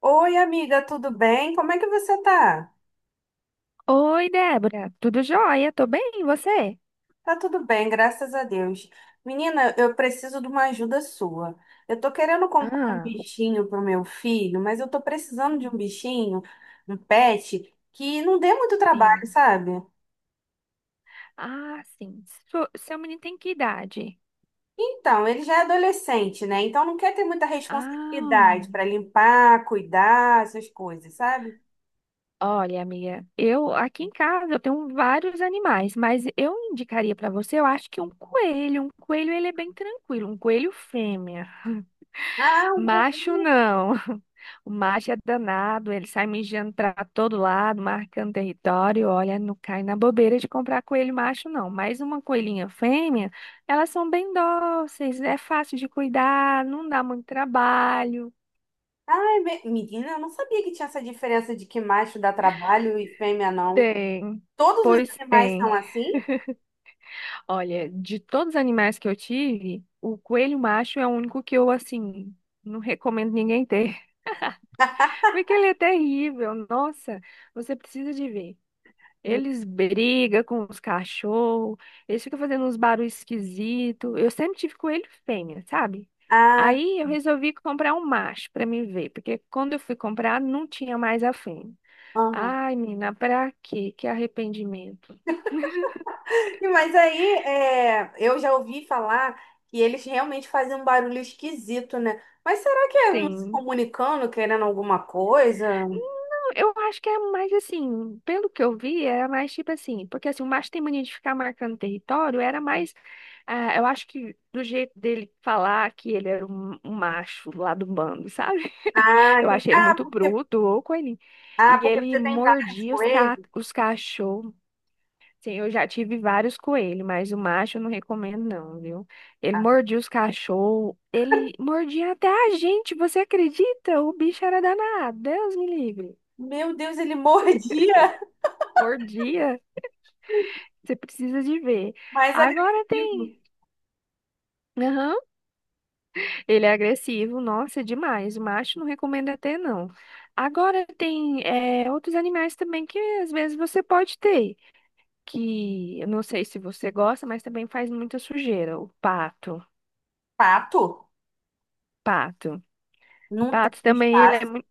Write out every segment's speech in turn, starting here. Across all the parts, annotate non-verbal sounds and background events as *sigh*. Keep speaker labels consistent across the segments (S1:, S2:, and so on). S1: Oi, amiga, tudo bem? Como é que você tá?
S2: Oi, Débora. Tudo jóia? Tô bem, e você?
S1: Tá tudo bem, graças a Deus. Menina, eu preciso de uma ajuda sua. Eu tô querendo comprar um
S2: Ah,
S1: bichinho pro meu filho, mas eu tô precisando de
S2: hum,
S1: um bichinho, um pet, que não dê muito trabalho,
S2: sim.
S1: sabe?
S2: Ah, sim. Seu menino tem que idade?
S1: Então, ele já é adolescente, né? Então não quer ter muita
S2: Ah,
S1: responsabilidade para
S2: hum.
S1: limpar, cuidar, essas coisas, sabe?
S2: Olha, amiga, eu aqui em casa eu tenho vários animais, mas eu indicaria pra você, eu acho que um coelho. Um coelho, ele é bem tranquilo, um coelho fêmea.
S1: Ah, um
S2: Macho
S1: coelho.
S2: não. *laughs* O macho é danado, ele sai mijando pra todo lado, marcando território. Olha, não cai na bobeira de comprar coelho macho, não. Mas uma coelhinha fêmea, elas são bem dóceis, é fácil de cuidar, não dá muito trabalho.
S1: Ai, menina, eu não sabia que tinha essa diferença de que macho dá trabalho e fêmea não.
S2: Tem,
S1: Todos os
S2: pois
S1: animais são
S2: tem.
S1: assim?
S2: Olha, de todos os animais que eu tive, o coelho macho é o único que eu, assim, não recomendo ninguém ter, *laughs* porque ele é terrível. Nossa, você precisa de ver.
S1: Hum.
S2: Eles brigam com os cachorros, eles ficam fazendo uns barulhos esquisitos. Eu sempre tive coelho fêmea, sabe?
S1: Ah,
S2: Aí eu resolvi comprar um macho pra me ver, porque quando eu fui comprar não tinha mais a fêmea.
S1: aham.
S2: Ai, menina, pra quê? Que arrependimento.
S1: *laughs* Mas aí, é, eu já ouvi falar que eles realmente fazem um barulho esquisito, né? Mas será que é um se
S2: Sim.
S1: comunicando, querendo alguma coisa?
S2: Não, eu acho que é mais assim, pelo que eu vi, era mais tipo assim, porque assim, o macho tem mania de ficar marcando território, era mais, ah, eu acho que do jeito dele falar que ele era um, macho lá do bando, sabe?
S1: Ah,
S2: Eu
S1: entendi.
S2: achei ele muito bruto, ô coelhinho.
S1: Ah,
S2: E
S1: porque
S2: ele
S1: você tem várias
S2: mordia os, ca...
S1: coisas.
S2: os cachorros. Sim, eu já tive vários coelhos, mas o macho eu não recomendo, não, viu? Ele
S1: Ah,
S2: mordia os cachorros, ele mordia até a gente, você acredita? O bicho era danado, Deus me livre.
S1: meu Deus, ele mordia!
S2: Mordia, você precisa de ver.
S1: *laughs* Mais
S2: Agora
S1: agressivo.
S2: tem. Aham. Ele é agressivo, nossa, é demais. O macho não recomendo até, não. Agora tem é, outros animais também que às vezes você pode ter. Que eu não sei se você gosta, mas também faz muita sujeira, o pato.
S1: Pato?
S2: Pato.
S1: Não tem
S2: Pato também, ele
S1: espaço.
S2: é muito.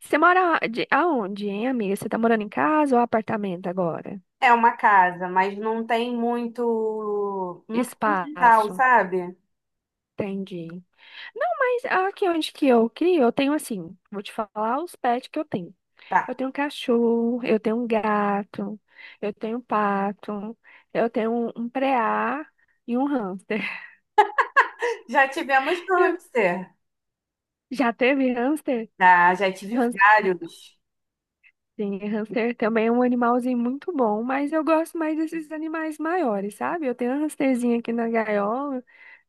S2: Você mora de- aonde, hein, amiga? Você tá morando em casa ou apartamento agora?
S1: É uma casa, mas não tem muito. Não tem muito quintal,
S2: Espaço.
S1: sabe?
S2: Entendi. Não, mas aqui onde que eu crio, eu tenho assim, vou te falar os pets que eu tenho. Eu
S1: Tá.
S2: tenho um cachorro, eu tenho um gato, eu tenho um pato, eu tenho um preá e um hamster.
S1: Já tivemos
S2: *laughs*
S1: hamster.
S2: Já teve hamster?
S1: Ah, já tive
S2: Hamster?
S1: vários.
S2: Sim, hamster também é um animalzinho muito bom, mas eu gosto mais desses animais maiores, sabe? Eu tenho uma hamsterzinha aqui na gaiola.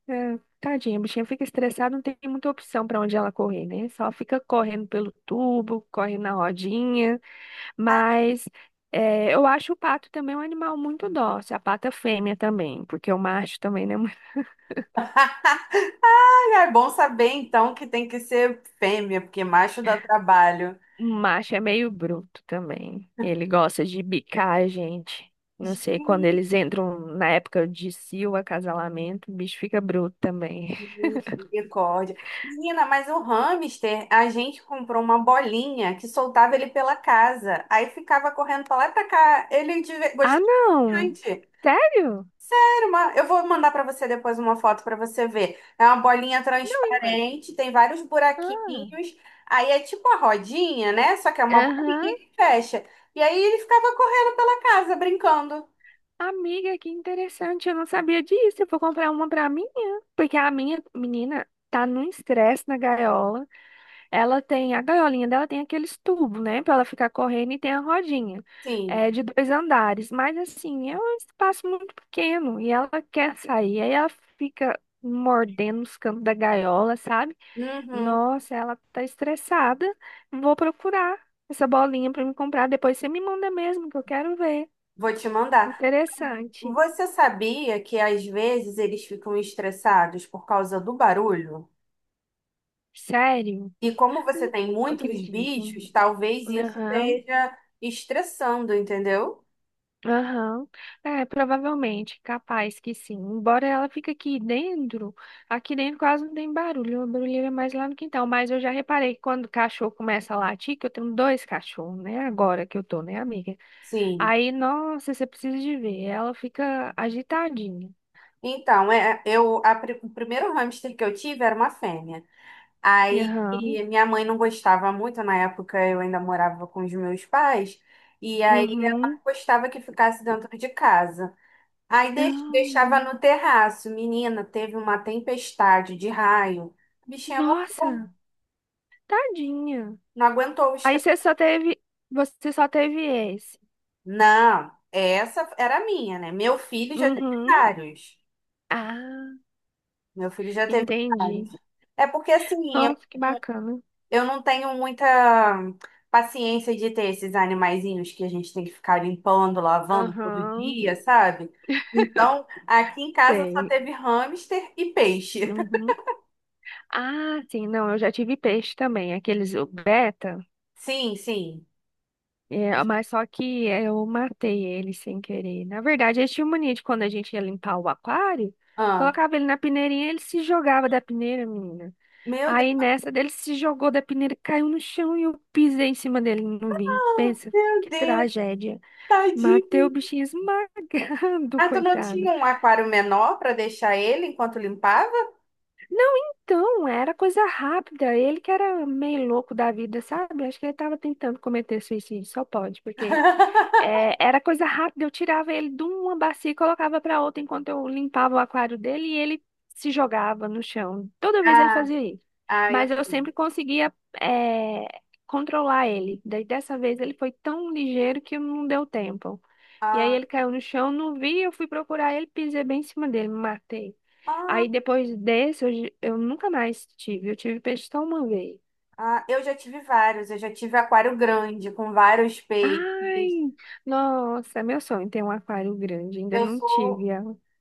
S2: É, tadinha, a bichinha fica estressada, não tem muita opção para onde ela correr, né? Só fica correndo pelo tubo, corre na rodinha. Mas é, eu acho o pato também um animal muito dócil, a pata fêmea também, porque o macho também, né?
S1: Ah, é bom saber então que tem que ser fêmea, porque macho dá trabalho.
S2: O macho é meio bruto também. Ele gosta de bicar a gente. Não sei, quando eles entram na época de cio, acasalamento, o bicho fica bruto também. *laughs*
S1: Misericórdia. Menina, mas o hamster, a gente comprou uma bolinha que soltava ele pela casa. Aí ficava correndo pra lá e pra cá. Ele
S2: Ah,
S1: gostava
S2: não!
S1: bastante.
S2: Sério?
S1: Eu vou mandar para você depois uma foto para você ver. É uma bolinha
S2: Não,
S1: transparente, tem vários
S2: Ah,
S1: buraquinhos. Aí é tipo uma rodinha, né? Só que é uma
S2: aham.
S1: bolinha que fecha. E aí ele ficava correndo pela casa, brincando.
S2: Amiga, que interessante. Eu não sabia disso. Eu vou comprar uma pra minha. Porque a minha menina tá num estresse na gaiola. Ela tem, a gaiolinha dela tem aqueles tubos, né? Pra ela ficar correndo e tem a rodinha.
S1: Sim.
S2: É de dois andares. Mas assim, é um espaço muito pequeno. E ela quer sair. Aí ela fica mordendo os cantos da gaiola, sabe?
S1: Uhum.
S2: Nossa, ela tá estressada. Vou procurar essa bolinha pra me comprar. Depois você me manda mesmo, que eu quero ver.
S1: Vou te mandar.
S2: Interessante.
S1: Você sabia que às vezes eles ficam estressados por causa do barulho?
S2: Sério?
S1: E como você
S2: Não,
S1: tem muitos
S2: acredito.
S1: bichos, talvez isso
S2: Aham.
S1: esteja estressando, entendeu?
S2: Aham. É, provavelmente, capaz que sim. Embora ela fique aqui dentro quase não tem barulho, o barulho é mais lá no quintal. Mas eu já reparei que quando o cachorro começa a latir, que eu tenho dois cachorros, né? Agora que eu tô, né, amiga?
S1: Sim.
S2: Aí, nossa, você precisa de ver, ela fica agitadinha.
S1: Então, é, eu, a o primeiro hamster que eu tive era uma fêmea. Aí
S2: Aham.
S1: e minha mãe não gostava muito, na época eu ainda morava com os meus pais, e aí ela não
S2: Uhum.
S1: gostava que ficasse dentro de casa. Aí deixava
S2: Aham.
S1: no terraço. Menina, teve uma tempestade de raio. A bichinha morreu,
S2: Nossa, tadinha.
S1: não aguentou o
S2: Aí
S1: estresse.
S2: você só teve, você só teve esse.
S1: Não, essa era a minha, né? Meu filho já teve
S2: Uhum.
S1: vários.
S2: Ah,
S1: Meu filho já teve vários.
S2: entendi.
S1: É porque assim, eu
S2: Nossa, que bacana.
S1: Eu não tenho muita paciência de ter esses animaizinhos que a gente tem que ficar limpando, lavando todo
S2: Aham,
S1: dia, sabe? Então, aqui em casa só
S2: sei.
S1: teve hamster e peixe. *laughs*
S2: Uhum. Ah, sim, não, eu já tive peixe também, aqueles o beta,
S1: Sim, sim.
S2: é, mas só que eu matei ele sem querer. Na verdade, eles tinham mania de quando a gente ia limpar o aquário,
S1: Ah,
S2: colocava ele na peneirinha, ele se jogava da peneira, menina.
S1: meu Deus,
S2: Aí nessa dele se jogou da peneira, caiu no chão e eu pisei em cima dele, não vi. Pensa,
S1: meu
S2: que
S1: Deus,
S2: tragédia. Matei o
S1: tadinho.
S2: bichinho esmagado, *laughs*
S1: Ah, tu não
S2: coitado.
S1: tinha um aquário menor para deixar ele enquanto limpava?
S2: Então, era coisa rápida. Ele que era meio louco da vida, sabe? Acho que ele estava tentando cometer suicídio, só pode, porque
S1: *laughs*
S2: é, era coisa rápida, eu tirava ele de uma bacia e colocava para outra enquanto eu limpava o aquário dele e ele se jogava no chão. Toda vez ele
S1: Ah,
S2: fazia isso.
S1: ah, eu
S2: Mas eu
S1: sim.
S2: sempre conseguia, é, controlar ele. Daí dessa vez ele foi tão ligeiro que não deu tempo. E aí
S1: Ah,
S2: ele caiu no chão, não vi, eu fui procurar ele, pisei bem em cima dele, me matei.
S1: ah,
S2: Aí depois desse, eu nunca mais tive. Eu tive peixe só uma vez.
S1: ah, eu já tive vários. Eu já tive aquário grande com vários peixes.
S2: Ai, nossa, é meu sonho ter um aquário grande. Ainda
S1: Eu
S2: não tive.
S1: sou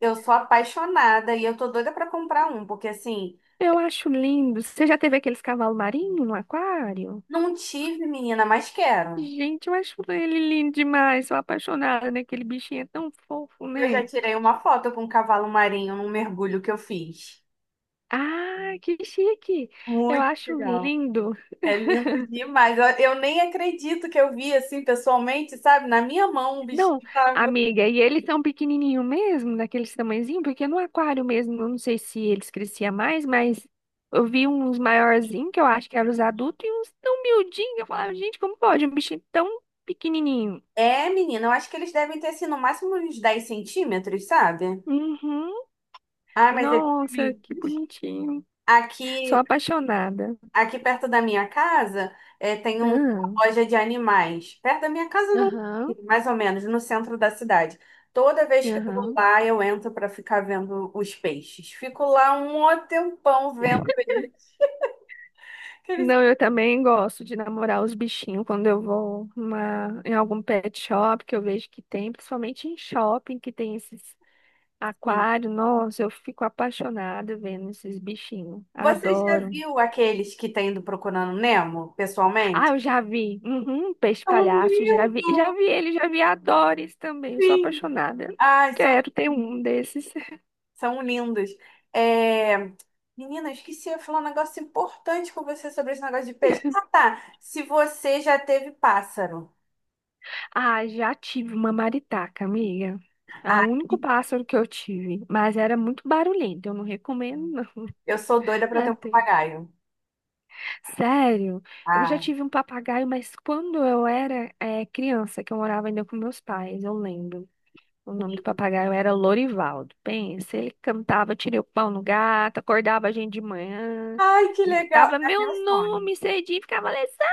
S1: Eu sou apaixonada e eu tô doida pra comprar um, porque assim,
S2: Eu acho lindo. Você já teve aqueles cavalos marinhos no aquário?
S1: não tive, menina, mas quero.
S2: Gente, eu acho ele lindo demais. Sou apaixonada, né? Aquele bichinho é tão fofo,
S1: Eu já
S2: né?
S1: tirei uma foto com um cavalo marinho num mergulho que eu fiz.
S2: Ah, que chique! Eu
S1: Muito
S2: acho
S1: legal.
S2: lindo.
S1: É lindo demais. Eu nem acredito que eu vi assim pessoalmente, sabe? Na minha mão o
S2: Não,
S1: bichinho tava.
S2: amiga, e eles são pequenininho mesmo, daqueles tamanhozinho, porque no aquário mesmo, eu não sei se eles cresciam mais, mas eu vi uns maiorzinhos, que eu acho que eram os adultos, e uns tão miudinhos. Eu falava, gente, como pode um bichinho tão pequenininho?
S1: É, menina, eu acho que eles devem ter assim no máximo uns 10 centímetros, sabe?
S2: Uhum.
S1: Ah, mas é
S2: Nossa,
S1: pequenininho.
S2: que bonitinho. Sou
S1: Aqui
S2: apaixonada.
S1: Aqui perto da minha casa, tem
S2: Ah,
S1: uma loja de animais. Perto da minha casa, não,
S2: aham,
S1: mais ou menos, no centro da cidade. Toda vez que eu vou
S2: aham.
S1: lá, eu entro para ficar vendo os peixes. Fico lá um mó tempão vendo eles. Aqueles
S2: Não, eu também gosto de namorar os bichinhos quando eu vou numa- em algum pet shop que eu vejo que tem, principalmente em shopping que tem esses
S1: assim.
S2: aquários. Nossa, eu fico apaixonada vendo esses bichinhos.
S1: Você já
S2: Adoro.
S1: viu aqueles que tem do Procurando Nemo,
S2: Ah,
S1: pessoalmente?
S2: eu já vi. Uhum, peixe
S1: São
S2: palhaço, já
S1: lindos,
S2: vi ele, já vi adores também. Eu sou
S1: sim.
S2: apaixonada.
S1: Ai, são
S2: Quero ter um desses.
S1: São lindas. É... Menina, eu esqueci de falar um negócio importante com você sobre esse negócio de peixe. Ah, tá. Se você já teve pássaro.
S2: Ah, já tive uma maritaca, amiga. É o
S1: Ah,
S2: único pássaro que eu tive, mas era muito barulhento, eu não recomendo, não. *laughs*
S1: eu sou doida para ter
S2: Ah,
S1: um
S2: tem.
S1: papagaio.
S2: Sério, eu já
S1: Ai,
S2: tive um papagaio, mas quando eu era criança, que eu morava ainda com meus pais, eu lembro. O nome do
S1: que
S2: papagaio era Lorivaldo. Pensa, ele cantava, tirei o pau no gato, acordava a gente de manhã,
S1: Ai, que legal.
S2: gritava
S1: É
S2: meu
S1: meu sonho.
S2: nome cedinho, ficava Alessandra,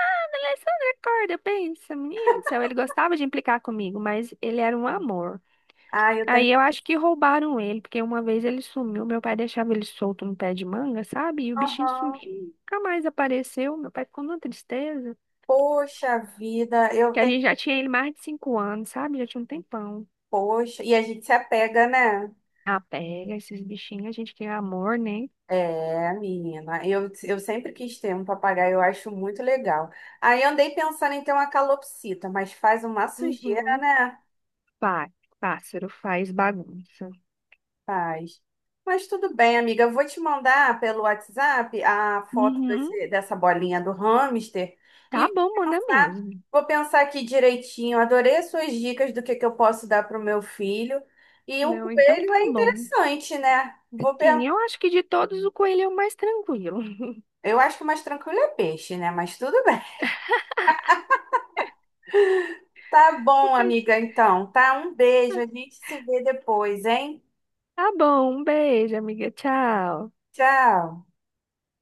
S2: Alessandra, acorda. Pensa, menino do céu, ele gostava de implicar comigo, mas ele era um amor.
S1: Ai, eu tenho.
S2: Aí eu acho que roubaram ele, porque uma vez ele sumiu, meu pai deixava ele solto no pé de manga, sabe? E o bichinho
S1: Aham.
S2: sumiu, nunca mais apareceu. Meu pai ficou numa tristeza,
S1: Poxa vida, eu
S2: que a
S1: tenho.
S2: gente já tinha ele mais de 5 anos, sabe? Já tinha um tempão.
S1: Poxa. E a gente se apega, né?
S2: Ah, pega esses bichinhos, a gente quer amor, né?
S1: É, menina. Eu sempre quis ter um papagaio, eu acho muito legal. Aí eu andei pensando em ter uma calopsita, mas faz uma sujeira,
S2: Uhum.
S1: né?
S2: Pá, Pássaro faz bagunça.
S1: Faz. Mas tudo bem, amiga. Eu vou te mandar pelo WhatsApp a foto
S2: Uhum.
S1: dessa bolinha do hamster e
S2: Tá bom, manda mesmo.
S1: vou pensar aqui direitinho. Adorei as suas dicas do que eu posso dar para o meu filho. E o
S2: Não, então
S1: coelho
S2: tá
S1: é
S2: bom.
S1: interessante, né? Vou pensar.
S2: Sim, eu acho que de todos o coelho é o mais tranquilo. *laughs*
S1: Eu acho que o mais tranquilo é peixe, né? Mas tudo bem. *laughs* Tá
S2: Um
S1: bom,
S2: beijo.
S1: amiga, então. Tá? Um beijo. A gente se vê depois, hein?
S2: Tá bom, um beijo, amiga. Tchau.
S1: Tchau.